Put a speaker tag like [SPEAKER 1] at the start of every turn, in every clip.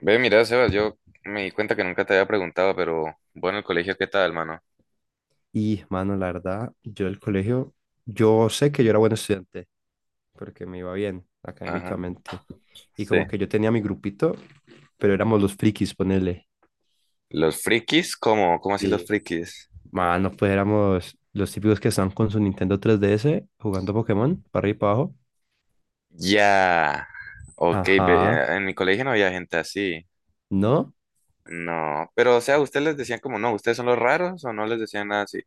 [SPEAKER 1] Ve, mira, Sebas, yo me di cuenta que nunca te había preguntado, pero bueno, el colegio, ¿qué tal, mano?
[SPEAKER 2] Y, mano, la verdad, yo del colegio, yo sé que yo era buen estudiante, porque me iba bien
[SPEAKER 1] Ajá,
[SPEAKER 2] académicamente. Y
[SPEAKER 1] sí.
[SPEAKER 2] como que yo tenía mi grupito, pero éramos los frikis, ponele.
[SPEAKER 1] ¿Los frikis? ¿Cómo? ¿Cómo así los
[SPEAKER 2] y
[SPEAKER 1] frikis?
[SPEAKER 2] Mano, pues éramos los típicos que están con su Nintendo 3DS jugando Pokémon, para arriba y para abajo.
[SPEAKER 1] Ya. Ok, ve,
[SPEAKER 2] Ajá.
[SPEAKER 1] en mi colegio no había gente así.
[SPEAKER 2] No,
[SPEAKER 1] No, pero o sea, ¿ustedes les decían como no, ustedes son los raros o no les decían nada así?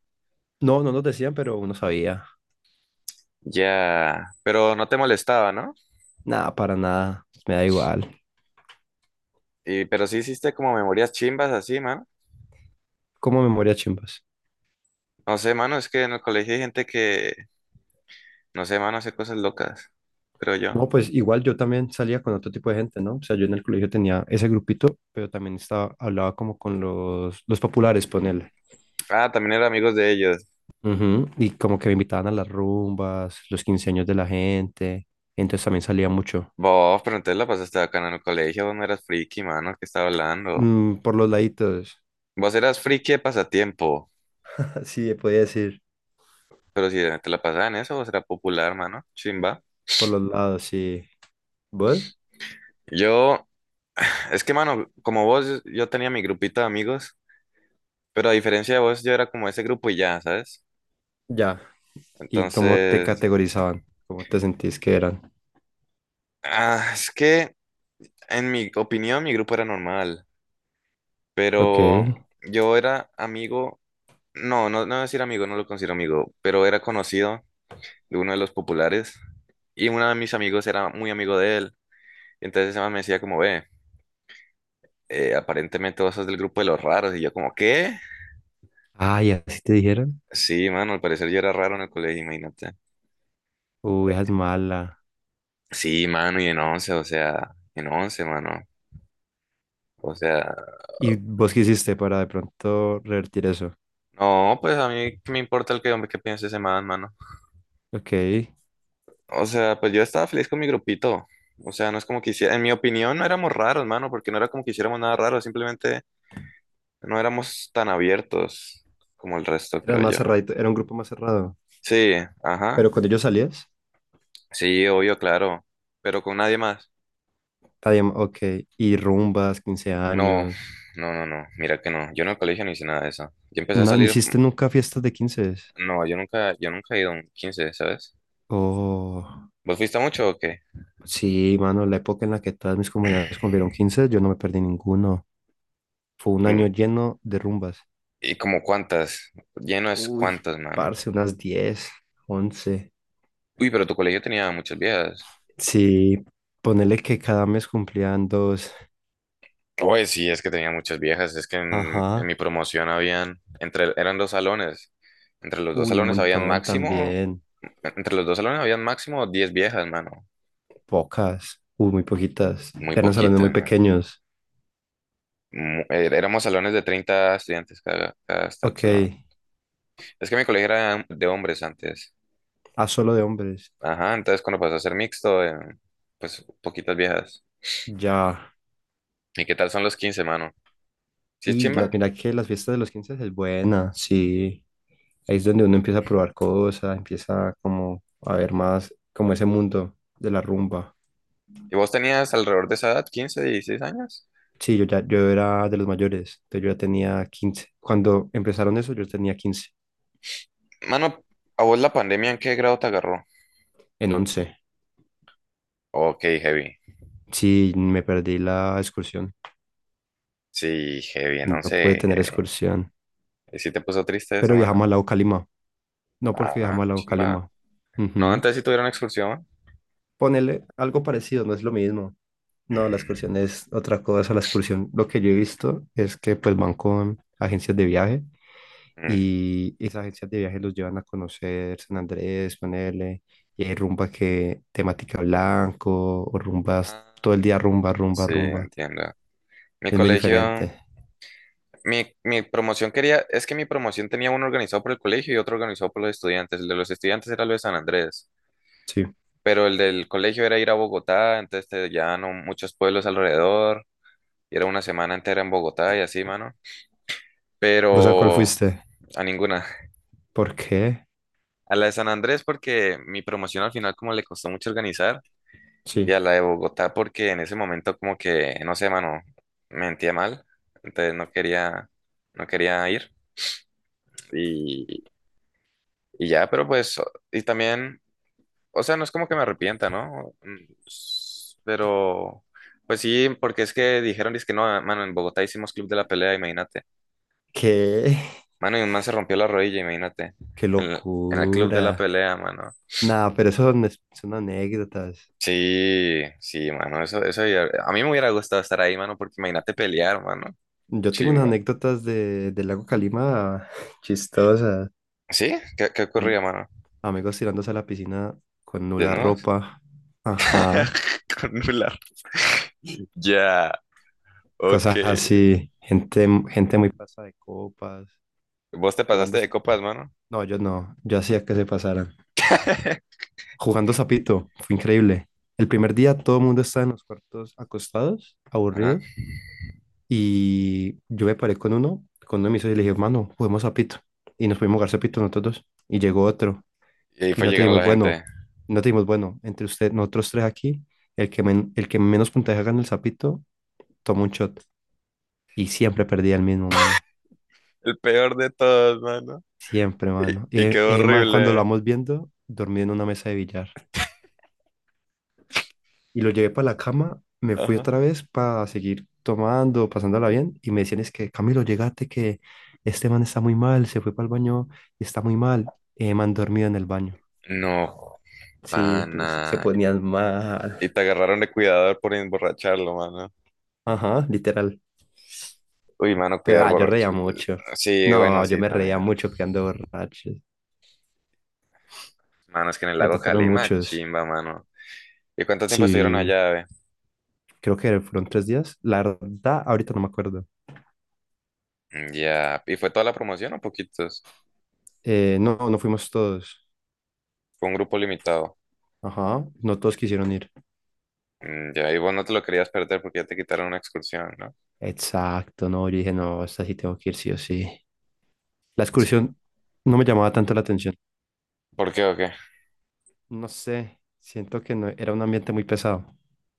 [SPEAKER 2] no, no nos decían, pero uno sabía.
[SPEAKER 1] Ya, pero no te molestaba, ¿no?
[SPEAKER 2] Nada, para nada. Me da igual.
[SPEAKER 1] Y, pero sí hiciste como memorias chimbas así, mano.
[SPEAKER 2] Como memoria chimbas.
[SPEAKER 1] No sé, mano, es que en el colegio hay gente que, no sé, mano, hace cosas locas, creo yo.
[SPEAKER 2] No, pues igual yo también salía con otro tipo de gente, ¿no? O sea, yo en el colegio tenía ese grupito, pero también estaba, hablaba como con los populares, ponele.
[SPEAKER 1] Ah, también era amigos de ellos.
[SPEAKER 2] Ujú. Y como que me invitaban a las rumbas, los quince años de la gente, entonces también salía mucho.
[SPEAKER 1] Vos, pero entonces la pasaste acá en el colegio, vos no eras friki, mano, ¿qué estaba hablando?
[SPEAKER 2] Mm, por los laditos,
[SPEAKER 1] Vos eras friki de pasatiempo,
[SPEAKER 2] sí, podía decir,
[SPEAKER 1] pero si te la pasaba en eso, vos eras popular, mano, chimba.
[SPEAKER 2] por los lados, sí. ¿Vos?
[SPEAKER 1] Yo, es que, mano, como vos, yo tenía mi grupito de amigos, pero a diferencia de vos, yo era como ese grupo y ya, ¿sabes?
[SPEAKER 2] Ya. ¿Y cómo te
[SPEAKER 1] Entonces,
[SPEAKER 2] categorizaban? ¿Cómo te sentís que eran?
[SPEAKER 1] es que, en mi opinión, mi grupo era normal,
[SPEAKER 2] Ok.
[SPEAKER 1] pero yo era amigo, no, no, no decir amigo, no lo considero amigo, pero era conocido de uno de los populares. Y uno de mis amigos era muy amigo de él. Entonces ese man me decía como, ve, aparentemente vos sos del grupo de los raros. Y yo como, ¿qué?
[SPEAKER 2] Ay, ¿así te dijeron?
[SPEAKER 1] Sí, mano, al parecer yo era raro en el colegio, imagínate.
[SPEAKER 2] Uy, esa es mala.
[SPEAKER 1] Sí, mano, y en 11, o sea, en 11, mano. O sea,
[SPEAKER 2] ¿Y vos qué hiciste para de pronto revertir eso?
[SPEAKER 1] no, pues a mí qué me importa el que, hombre, qué piense ese man, mano.
[SPEAKER 2] Ok.
[SPEAKER 1] O sea, pues yo estaba feliz con mi grupito. O sea, no es como que hiciera, en mi opinión no éramos raros, mano, porque no era como que hiciéramos nada raro, simplemente no éramos tan abiertos como el resto,
[SPEAKER 2] Eran
[SPEAKER 1] creo yo.
[SPEAKER 2] más cerradito, era un grupo más cerrado.
[SPEAKER 1] Sí, ajá.
[SPEAKER 2] Pero cuando ellos salías,
[SPEAKER 1] Sí, obvio, claro. Pero con nadie más.
[SPEAKER 2] había, ok, y rumbas, 15
[SPEAKER 1] No,
[SPEAKER 2] años.
[SPEAKER 1] no, no, no. Mira que no. Yo en el colegio no hice nada de eso. Yo empecé a
[SPEAKER 2] No, ¿no
[SPEAKER 1] salir.
[SPEAKER 2] hiciste nunca fiestas de 15?
[SPEAKER 1] No, yo nunca he ido a un 15, ¿sabes?
[SPEAKER 2] Oh,
[SPEAKER 1] ¿Vos fuiste mucho o qué?
[SPEAKER 2] sí, mano, la época en la que todas mis compañeras cumplieron 15, yo no me perdí ninguno. Fue
[SPEAKER 1] Y,
[SPEAKER 2] un año lleno de rumbas.
[SPEAKER 1] y como cuántas. Lleno es
[SPEAKER 2] Uy,
[SPEAKER 1] cuántas, mano.
[SPEAKER 2] parce, unas 10, 11.
[SPEAKER 1] Uy, pero tu colegio tenía muchas viejas.
[SPEAKER 2] Sí, ponele que cada mes cumplían dos.
[SPEAKER 1] Oye, sí, es que tenía muchas viejas. Es que en
[SPEAKER 2] Ajá.
[SPEAKER 1] mi promoción habían, eran dos salones. Entre los dos
[SPEAKER 2] Uy, un
[SPEAKER 1] salones habían
[SPEAKER 2] montón
[SPEAKER 1] máximo,
[SPEAKER 2] también.
[SPEAKER 1] Entre los dos salones habían máximo 10 viejas, mano.
[SPEAKER 2] Pocas, muy poquitas.
[SPEAKER 1] Muy
[SPEAKER 2] Eran salones muy
[SPEAKER 1] poquitas.
[SPEAKER 2] pequeños.
[SPEAKER 1] Éramos salones de 30 estudiantes cada
[SPEAKER 2] Ok,
[SPEAKER 1] salón. Es que mi colegio era de hombres antes.
[SPEAKER 2] ah, solo de hombres.
[SPEAKER 1] Ajá, entonces cuando pasó a ser mixto, pues poquitas viejas.
[SPEAKER 2] Ya.
[SPEAKER 1] ¿Y qué tal son los quince, mano? ¿Sí es
[SPEAKER 2] Y la,
[SPEAKER 1] chimba?
[SPEAKER 2] mira que las fiestas de los 15 es buena, sí. Ahí es donde uno empieza a probar cosas, empieza como a ver más como ese mundo de la rumba.
[SPEAKER 1] ¿Y vos tenías alrededor de esa edad, quince, dieciséis años?
[SPEAKER 2] Sí, yo ya yo era de los mayores, entonces yo ya tenía quince. Cuando empezaron eso, yo tenía 15,
[SPEAKER 1] Mano, ¿a vos la pandemia en qué grado te agarró?
[SPEAKER 2] en once.
[SPEAKER 1] Ok, heavy.
[SPEAKER 2] Sí, me perdí la excursión.
[SPEAKER 1] Sí, heavy, en
[SPEAKER 2] No
[SPEAKER 1] 11,
[SPEAKER 2] pude tener
[SPEAKER 1] heavy.
[SPEAKER 2] excursión.
[SPEAKER 1] ¿Y sí te puso triste esa,
[SPEAKER 2] Pero
[SPEAKER 1] mano?
[SPEAKER 2] viajamos al lago Calima. No porque
[SPEAKER 1] Ah,
[SPEAKER 2] viajamos al lago
[SPEAKER 1] chimba.
[SPEAKER 2] Calima.
[SPEAKER 1] No,
[SPEAKER 2] Ujú.
[SPEAKER 1] antes sí tuvieron expulsión.
[SPEAKER 2] Ponerle algo parecido, no es lo mismo. No, la
[SPEAKER 1] Ujú.
[SPEAKER 2] excursión es otra cosa. La excursión, lo que yo he visto es que pues van con agencias de viaje
[SPEAKER 1] Mm.
[SPEAKER 2] y esas agencias de viaje los llevan a conocer San Andrés, ponerle, y hay rumba que temática blanco o rumbas,
[SPEAKER 1] Ah,
[SPEAKER 2] todo el día rumba, rumba,
[SPEAKER 1] sí,
[SPEAKER 2] rumba.
[SPEAKER 1] entiendo. Mi
[SPEAKER 2] Es muy
[SPEAKER 1] colegio,
[SPEAKER 2] diferente.
[SPEAKER 1] mi promoción quería, es que mi promoción tenía uno organizado por el colegio y otro organizado por los estudiantes. El de los estudiantes era lo de San Andrés,
[SPEAKER 2] Sí.
[SPEAKER 1] pero el del colegio era ir a Bogotá, entonces te llevaban a muchos pueblos alrededor, y era una semana entera en Bogotá y así, mano.
[SPEAKER 2] ¿Vos a cuál
[SPEAKER 1] Pero
[SPEAKER 2] fuiste?
[SPEAKER 1] a ninguna.
[SPEAKER 2] ¿Por qué?
[SPEAKER 1] A la de San Andrés porque mi promoción al final como le costó mucho organizar, y
[SPEAKER 2] Sí.
[SPEAKER 1] a la de Bogotá porque en ese momento como que, no sé, mano, mentía mal, entonces no quería, ir. Y, Y ya, pero pues, y también, o sea, no es como que me arrepienta, ¿no? Pero, pues sí, porque es que dijeron, es que no, mano, en Bogotá hicimos club de la pelea, imagínate.
[SPEAKER 2] ¿Qué?
[SPEAKER 1] Mano, y un man se rompió la rodilla, imagínate.
[SPEAKER 2] ¡Qué
[SPEAKER 1] En el club de la
[SPEAKER 2] locura!
[SPEAKER 1] pelea, mano.
[SPEAKER 2] Nada, pero son anécdotas.
[SPEAKER 1] Sí, sí, mano, eso, a mí me hubiera gustado estar ahí, mano, porque imagínate pelear, mano.
[SPEAKER 2] Yo tengo unas
[SPEAKER 1] Chimba.
[SPEAKER 2] anécdotas de, del lago Calima chistosas.
[SPEAKER 1] ¿Sí? ¿Qué ocurría,
[SPEAKER 2] Am-
[SPEAKER 1] mano?
[SPEAKER 2] Amigos tirándose a la piscina con nula
[SPEAKER 1] ¿Desnudos?
[SPEAKER 2] ropa. Ajá.
[SPEAKER 1] Con nular. Ya, ok.
[SPEAKER 2] Cosas así. Gente muy pasada de copas.
[SPEAKER 1] ¿Vos te pasaste
[SPEAKER 2] Jugando.
[SPEAKER 1] de copas, mano?
[SPEAKER 2] No, yo no. Yo hacía que se pasaran. Jugando sapito. Fue increíble. El primer día todo el mundo estaba en los cuartos acostados,
[SPEAKER 1] Ajá.
[SPEAKER 2] aburridos. Y yo me paré con uno de mis socios y le dije, mano, juguemos sapito. Y nos pudimos jugar sapito nosotros dos. Y llegó otro.
[SPEAKER 1] Y ahí
[SPEAKER 2] y
[SPEAKER 1] fue
[SPEAKER 2] no
[SPEAKER 1] llegando
[SPEAKER 2] tenemos
[SPEAKER 1] la
[SPEAKER 2] bueno,
[SPEAKER 1] gente.
[SPEAKER 2] no tenemos bueno, entre usted, nosotros tres aquí, el que menos puntaje gana el sapito, toma un shot. Y siempre perdía el mismo, mano.
[SPEAKER 1] El peor de todos, mano.
[SPEAKER 2] Siempre, mano. Y
[SPEAKER 1] Y
[SPEAKER 2] e-
[SPEAKER 1] quedó
[SPEAKER 2] ese man, cuando lo
[SPEAKER 1] horrible.
[SPEAKER 2] vamos viendo, dormía en una mesa de billar. Y lo llevé para la cama, me fui
[SPEAKER 1] Ajá.
[SPEAKER 2] otra vez para seguir tomando, pasándola bien. Y me decían, es que Camilo, llegate que este man está muy mal, se fue para el baño y está muy mal. Ese man dormido en el baño.
[SPEAKER 1] No,
[SPEAKER 2] Sí, pues, se
[SPEAKER 1] pana.
[SPEAKER 2] ponían mal.
[SPEAKER 1] Y te agarraron de cuidador por emborracharlo, mano.
[SPEAKER 2] Ajá, literal.
[SPEAKER 1] Uy, mano,
[SPEAKER 2] Pero,
[SPEAKER 1] cuidar
[SPEAKER 2] ah, yo
[SPEAKER 1] borracho.
[SPEAKER 2] reía mucho.
[SPEAKER 1] Sí, bueno,
[SPEAKER 2] No, yo
[SPEAKER 1] sí,
[SPEAKER 2] me
[SPEAKER 1] también.
[SPEAKER 2] reía mucho quedando borracho.
[SPEAKER 1] Mano, es que en el
[SPEAKER 2] Me
[SPEAKER 1] lago
[SPEAKER 2] tocaron
[SPEAKER 1] Calima,
[SPEAKER 2] muchos.
[SPEAKER 1] chimba, mano. ¿Y cuánto tiempo estuvieron
[SPEAKER 2] Sí,
[SPEAKER 1] allá, ve?
[SPEAKER 2] creo que fueron 3 días. La verdad, ahorita no me acuerdo.
[SPEAKER 1] Mm, ya. ¿Y fue toda la promoción o poquitos?
[SPEAKER 2] No, no fuimos todos.
[SPEAKER 1] Fue un grupo limitado.
[SPEAKER 2] Ajá, no todos quisieron ir.
[SPEAKER 1] Mm, ya, y vos no te lo querías perder porque ya te quitaron una excursión, ¿no?
[SPEAKER 2] Exacto, no, yo dije, no, esta sí tengo que ir, sí o sí. La excursión no me llamaba tanto la atención.
[SPEAKER 1] ¿Por qué o qué?
[SPEAKER 2] No sé, siento que no, era un ambiente muy pesado.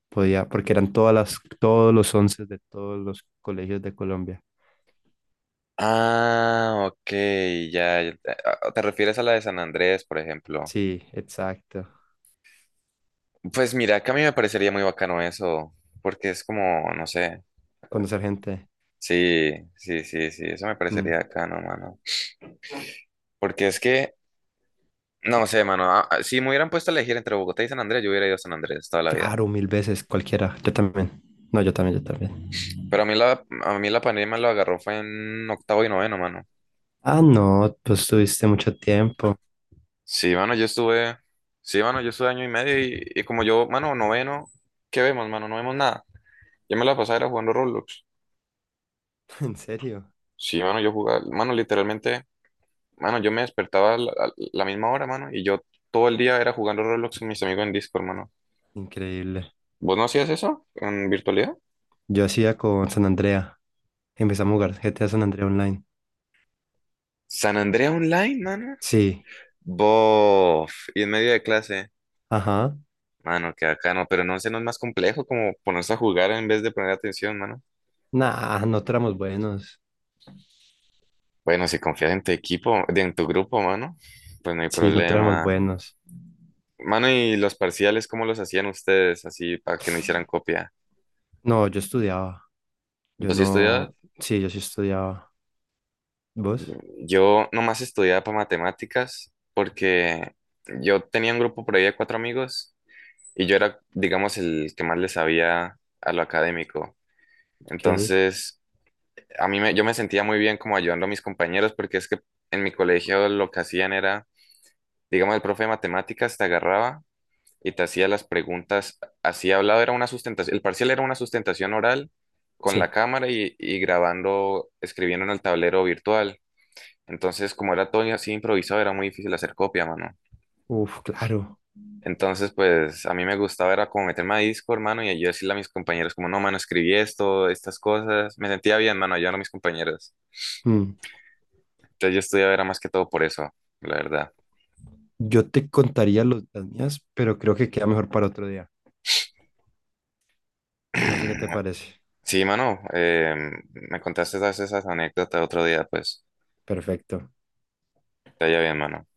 [SPEAKER 2] Podía, porque eran todos los once de todos los colegios de Colombia.
[SPEAKER 1] Ah, ok, ya. ¿Te refieres a la de San Andrés, por ejemplo?
[SPEAKER 2] Sí, exacto.
[SPEAKER 1] Pues mira, que a mí me parecería muy bacano eso, porque es como, no sé,
[SPEAKER 2] Conocer gente.
[SPEAKER 1] sí, sí, sí, sí, eso me parecería
[SPEAKER 2] Mm.
[SPEAKER 1] bacano, mano. Porque es que, no sé, mano, si me hubieran puesto a elegir entre Bogotá y San Andrés, yo hubiera ido a San Andrés toda la vida.
[SPEAKER 2] Claro, mil veces, cualquiera. Yo también. No, yo también, yo también.
[SPEAKER 1] Pero a mí la pandemia lo agarró fue en octavo y noveno, mano.
[SPEAKER 2] Ah, no, pues tuviste mucho tiempo.
[SPEAKER 1] Sí, mano, sí, mano, yo estuve año y medio y como yo, mano, noveno, ¿qué vemos, mano? No vemos nada. Yo me la pasaba era jugando Roblox.
[SPEAKER 2] En serio.
[SPEAKER 1] Sí, mano, yo jugaba, mano, literalmente, mano, yo me despertaba a la, misma hora, mano, y yo todo el día era jugando Roblox con mis amigos en Discord, mano.
[SPEAKER 2] Increíble.
[SPEAKER 1] ¿Vos no hacías eso en virtualidad?
[SPEAKER 2] Yo hacía con San Andrea. Empezamos a jugar GTA San Andrea Online.
[SPEAKER 1] San Andrea Online, mano.
[SPEAKER 2] Sí.
[SPEAKER 1] Bof, y en medio de clase,
[SPEAKER 2] Ajá.
[SPEAKER 1] mano, que acá no, pero no sé, no es más complejo como ponerse a jugar en vez de poner atención, mano.
[SPEAKER 2] Nah, no éramos buenos.
[SPEAKER 1] Bueno, si confías en tu equipo, en tu grupo, mano, pues no hay
[SPEAKER 2] Sí, no éramos
[SPEAKER 1] problema.
[SPEAKER 2] buenos.
[SPEAKER 1] Mano, ¿y los parciales cómo los hacían ustedes así para que no hicieran copia?
[SPEAKER 2] No, yo estudiaba. Yo
[SPEAKER 1] Pues sí estudiaba.
[SPEAKER 2] no. Sí, yo sí estudiaba. ¿Vos?
[SPEAKER 1] Yo nomás estudiaba para matemáticas porque yo tenía un grupo por ahí de cuatro amigos y yo era, digamos, el que más le sabía a lo académico.
[SPEAKER 2] ¿Qué?
[SPEAKER 1] Entonces, yo me sentía muy bien como ayudando a mis compañeros porque es que en mi colegio lo que hacían era, digamos, el profe de matemáticas te agarraba y te hacía las preguntas así hablado, era una sustentación, el parcial era una sustentación oral con la
[SPEAKER 2] Sí.
[SPEAKER 1] cámara y grabando, escribiendo en el tablero virtual. Entonces, como era todo así improvisado, era muy difícil hacer copia, mano.
[SPEAKER 2] Uf, claro.
[SPEAKER 1] Entonces, pues a mí me gustaba, era como meterme a disco, hermano, y yo decirle a mis compañeros, como, no, mano, escribí esto, estas cosas. Me sentía bien, mano, ayudando a mis compañeros.
[SPEAKER 2] Mm.
[SPEAKER 1] Entonces, yo estudiaba era más que todo por eso, la verdad.
[SPEAKER 2] Yo te contaría los, las mías, pero creo que queda mejor para otro día. No sé qué te parece.
[SPEAKER 1] Sí, mano, me contaste todas esas anécdotas otro día, pues,
[SPEAKER 2] Perfecto.
[SPEAKER 1] te haya bien, mano.